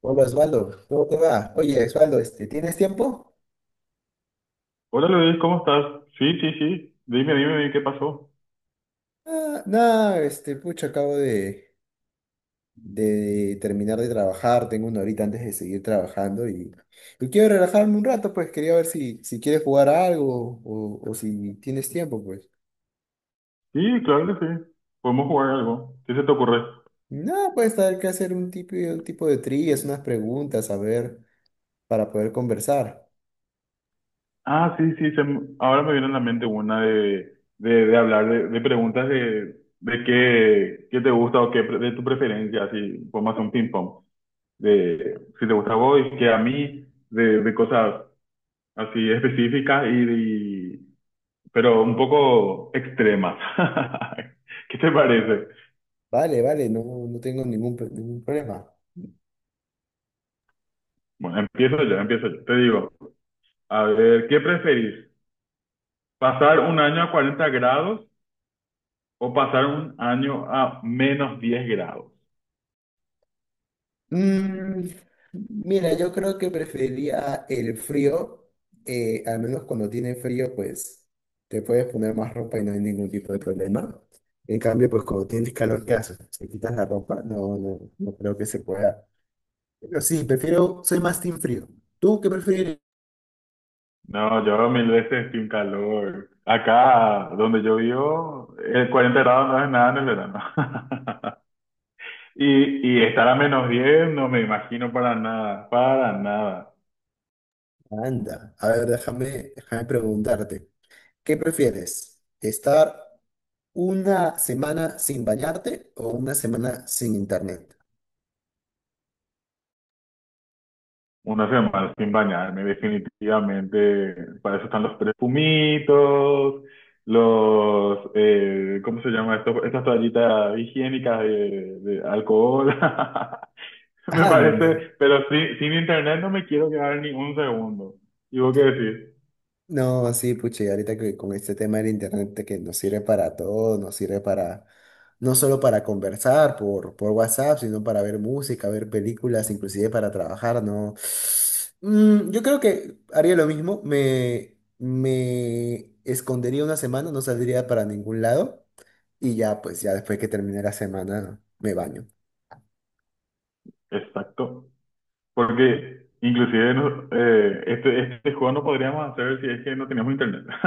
Hola Osvaldo, ¿cómo te va? Oye, Osvaldo, ¿tienes tiempo? Hola Luis, ¿cómo estás? Sí, sí, sí. Dime, dime, dime, ¿qué pasó? Ah, nada, pucha, acabo de terminar de trabajar, tengo una horita antes de seguir trabajando y quiero relajarme un rato, pues quería ver si quieres jugar a algo o si tienes tiempo, pues. Sí, claro que sí. Podemos jugar algo. ¿Qué se te ocurre? Nada, pues hay que hacer un tipo de trillas, unas preguntas, a ver, para poder conversar. Ah, sí, sí. Ahora me viene a la mente una de, de hablar de preguntas de qué te gusta o de tu preferencia. Así, podemos hacer un ping-pong. De si te gusta a vos y qué a mí, de cosas así específicas y- pero un poco extremas. ¿Qué te parece? Vale, vale, no, no tengo ningún problema. Bueno, empiezo yo, empiezo yo. Te digo. A ver, ¿qué preferís? ¿Pasar un año a 40 grados o pasar un año a -10 grados? Mm, mira, yo creo que preferiría el frío, al menos cuando tiene frío, pues te puedes poner más ropa y no hay ningún tipo de problema. En cambio, pues cuando tienes calor, ¿qué haces? ¿Te quitas la ropa? No, no, no creo que se pueda. Pero sí, prefiero, soy más team frío. ¿Tú qué prefieres? No, yo mil veces sin calor. Acá donde yo vivo, el 40 grados no es nada en el verano. Y estar a -10, no me imagino para nada, para nada. Anda, a ver, déjame, déjame preguntarte, ¿qué prefieres? ¿Estar una semana sin bañarte o una semana sin internet? Una semana sin bañarme, definitivamente. Para eso están los perfumitos, ¿cómo se llama esto? Estas toallitas higiénicas de alcohol. Me Anda. parece, pero sí, sin internet no me quiero quedar ni un segundo. ¿Y vos qué decís? No, sí, pucha, y ahorita que con este tema del internet de que nos sirve para todo, nos sirve no solo para conversar por WhatsApp, sino para ver música, ver películas, inclusive para trabajar, ¿no? Mm, yo creo que haría lo mismo, me escondería una semana, no saldría para ningún lado, y ya, pues ya después que termine la semana, me baño. Exacto. Porque inclusive este juego no podríamos hacer si es que no teníamos internet.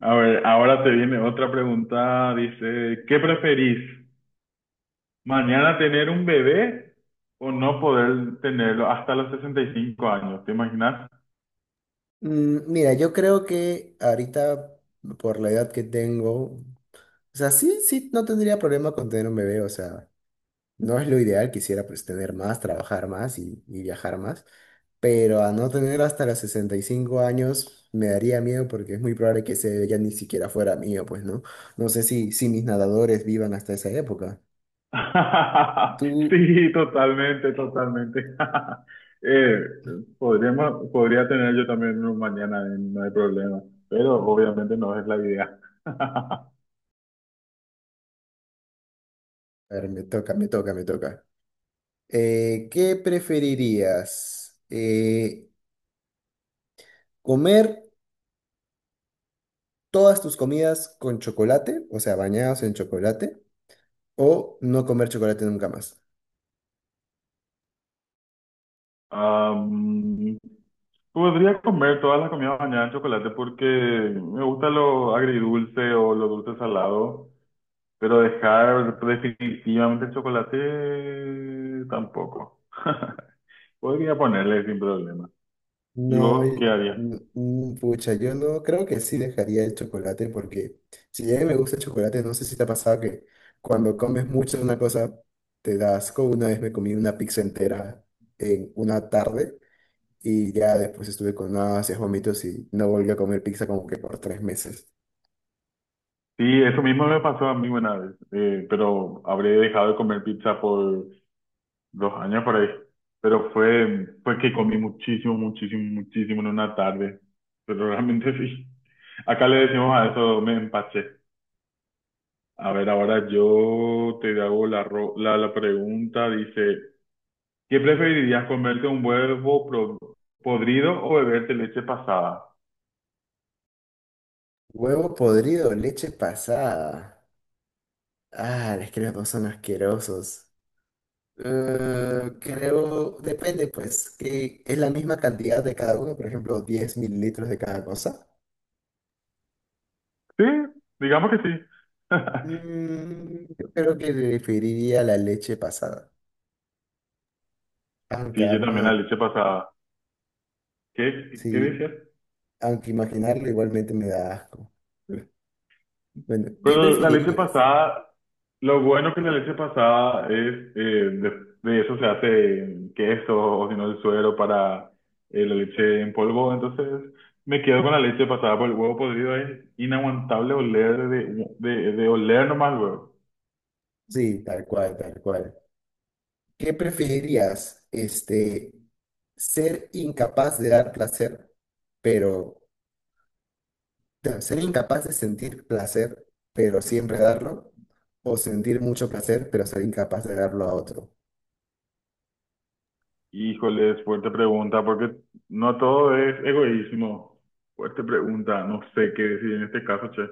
A ver, ahora te viene otra pregunta. Dice, ¿qué preferís? Mañana tener un bebé o no poder tenerlo hasta los 65 años, ¿te imaginas? Mm, mira, yo creo que ahorita, por la edad que tengo, o sea, sí, sí, no tendría problema con tener un bebé, o sea, no es lo ideal, quisiera pues tener más, trabajar más y viajar más, pero a no tener hasta los 65 años me daría miedo porque es muy probable que ese bebé ya ni siquiera fuera mío, pues, ¿no? No sé si mis nadadores vivan hasta esa época. Tú, Sí, totalmente, totalmente. Eh, podría tener yo también uno mañana, no hay problema, pero obviamente no es la idea. a ver, me toca, me toca, me toca. ¿Qué preferirías? ¿Comer todas tus comidas con chocolate, o sea, bañados en chocolate, o no comer chocolate nunca más? Am, Podría comer todas las comidas mañana de chocolate porque me gusta lo agridulce o lo dulce salado. Pero dejar definitivamente el chocolate tampoco. Podría ponerle sin problema. ¿Y No, vos qué y- harías? mm, mm, Pucha, yo no creo que sí dejaría el chocolate porque si bien me gusta el chocolate, no sé si te ha pasado que cuando comes mucho de una cosa te da asco. Una vez me comí una pizza entera en una tarde y ya después estuve con náuseas, vómitos y no volví a comer pizza como que por tres meses. Sí, eso mismo me pasó a mí una vez, pero habré dejado de comer pizza por 2 años por ahí. Pero fue que comí muchísimo, muchísimo, muchísimo en una tarde. Pero realmente sí. Acá le decimos a eso, me empaché. A ver, ahora yo te hago la pregunta. Dice, ¿qué preferirías, comerte un podrido o beberte leche pasada? Huevo podrido, leche pasada. Ah, es que los dos son asquerosos. Creo, depende pues, que es la misma cantidad de cada uno, por ejemplo, diez mililitros de cada cosa. Sí, digamos que sí. Mm, yo creo que preferiría la leche pasada, aunque Sí, yo ambos, también la leche pasada. ¿Qué sí, decías? aunque imaginarlo igualmente me da asco. Bueno, ¿qué Pero la leche preferirías? pasada, lo bueno que la Sí. leche pasada es, eh, de, de eso se hace queso o si no el suero para la leche en polvo. Entonces me quedo con la leche pasada por el huevo podrido. Es inaguantable oler de oler nomás luego. Sí, tal cual, tal cual. ¿Qué preferirías? Ser incapaz de dar placer, pero no, ser incapaz de sentir placer, pero siempre darlo, o sentir mucho placer, pero ser incapaz de darlo a otro. Híjole, fuerte pregunta, porque no todo es egoísmo. Fuerte pregunta, no sé qué decir en este caso, che.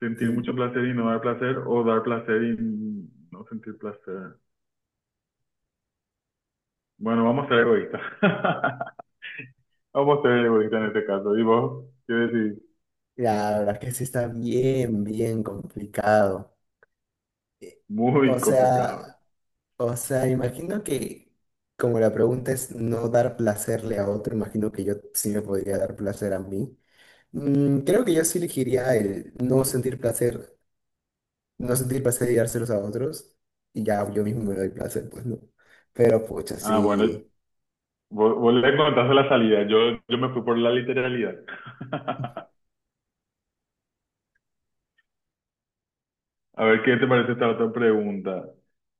Sentir Sí, mucho placer y no dar placer, o dar placer y no sentir placer. Bueno, vamos a ser egoístas. Vamos a ser egoístas en este caso. ¿Y vos? ¿Qué decís? la verdad que sí está bien, bien complicado. Eh, O Muy complicado. sea, o sea, imagino que como la pregunta es no dar placerle a otro, imagino que yo sí me podría dar placer a mí. Mm, creo que yo sí elegiría el no sentir placer, no sentir placer y dárselos a otros, y ya yo mismo me doy placer, pues no. Pero pucha, Ah, bueno, sí. vos le contaste la salida. Yo me fui por la literalidad. A ver, ¿qué te parece esta otra pregunta?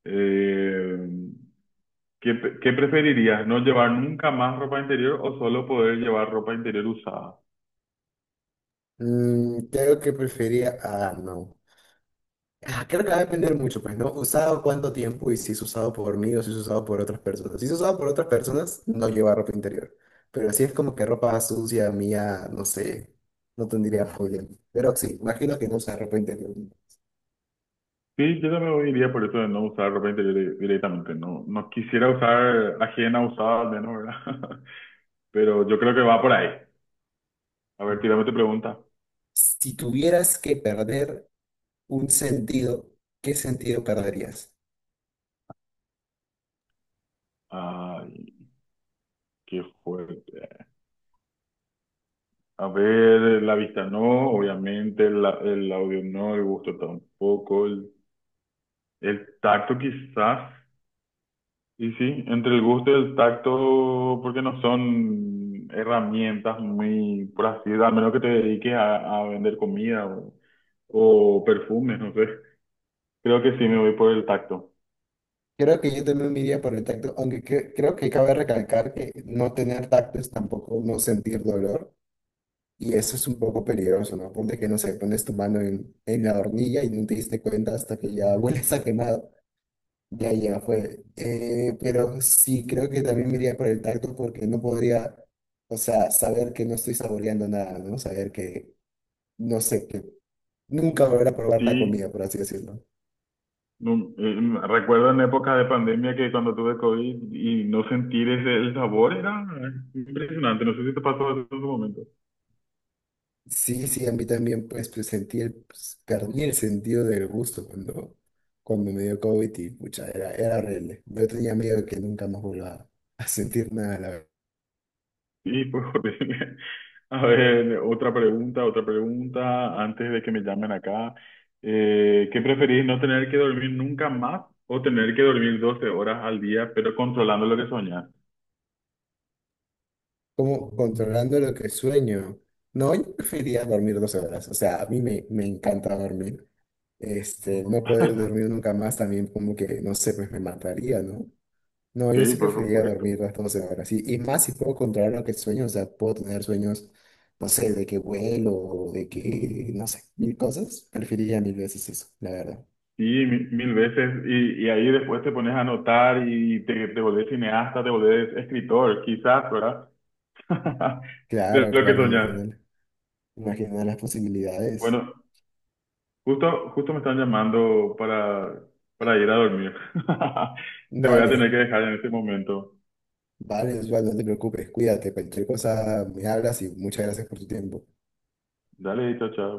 Eh, ¿qué preferirías? ¿No llevar nunca más ropa interior o solo poder llevar ropa interior usada? Mm, creo que preferiría. Ah, no. Ah, creo que va a depender mucho, pues, ¿no? Usado cuánto tiempo y si es usado por mí o si es usado por otras personas. Si es usado por otras personas, no lleva ropa interior. Pero si es como que ropa sucia, mía, no sé, no tendría problema. Pero sí, imagino que no usa ropa interior. Sí, yo también iría por eso de no usar ropa interior directamente. No, no quisiera usar ajena usada al menos, ¿verdad? Pero yo creo que va por ahí. A ver, tírame tu pregunta. Si tuvieras que perder un sentido, ¿qué sentido perderías? Ay, qué fuerte. A ver, la vista no, obviamente, el audio no, el gusto tampoco, el tacto quizás, y sí, entre el gusto y el tacto, porque no son herramientas muy, por así decirlo, al menos que te dediques a vender comida o perfumes, no sé. Creo que sí me voy por el tacto. Creo que yo también me iría por el tacto, aunque creo que cabe recalcar que no tener tacto es tampoco no sentir dolor, y eso es un poco peligroso, ¿no? Ponte que, no sé, pones tu mano en la hornilla y no te diste cuenta hasta que ya hueles a quemado. Ya, ya fue. Pero sí, creo que también me iría por el tacto porque no podría, o sea, saber que no estoy saboreando nada, ¿no? Saber que, no sé, que nunca volver a probar la comida, Sí, por así decirlo. no, recuerdo en épocas de pandemia que cuando tuve COVID y no sentir el sabor era impresionante. No sé si te pasó eso en su momento. Sí, sí, a mí también, pues sentí perdí el sentido del gusto cuando me dio COVID pucha, era horrible. Yo tenía miedo de que nunca más vuelva a sentir nada. Sí, pues Jorge. A ver, otra pregunta, antes de que me llamen acá. ¿Qué preferís, no tener que dormir nunca más o tener que dormir 12 horas al día, pero controlando lo que soñás? Como controlando lo que sueño. No, yo preferiría dormir 12 horas. O sea, a mí me encanta dormir. No poder dormir nunca más también como que, no sé, pues me mataría, ¿no? No, yo Sí, sí por preferiría supuesto. dormir las 12 horas. Y más si puedo controlar lo que sueño, o sea, puedo tener sueños, no sé, de que vuelo, no sé, mil cosas. Preferiría mil veces eso, la verdad. Sí, mil veces. Y ahí después te pones a anotar y te volvés cineasta, te volvés escritor, quizás, ¿verdad? De Claro, lo que claro, soñás. imagínate. Imagina las posibilidades. Bueno, justo, justo me están llamando para ir a dormir. Te voy a tener que Dale, dejar en este momento. vale, Osvaldo, no te preocupes, cuídate, cualquier cosa me hablas y muchas gracias por tu tiempo. Dale, chao, chao.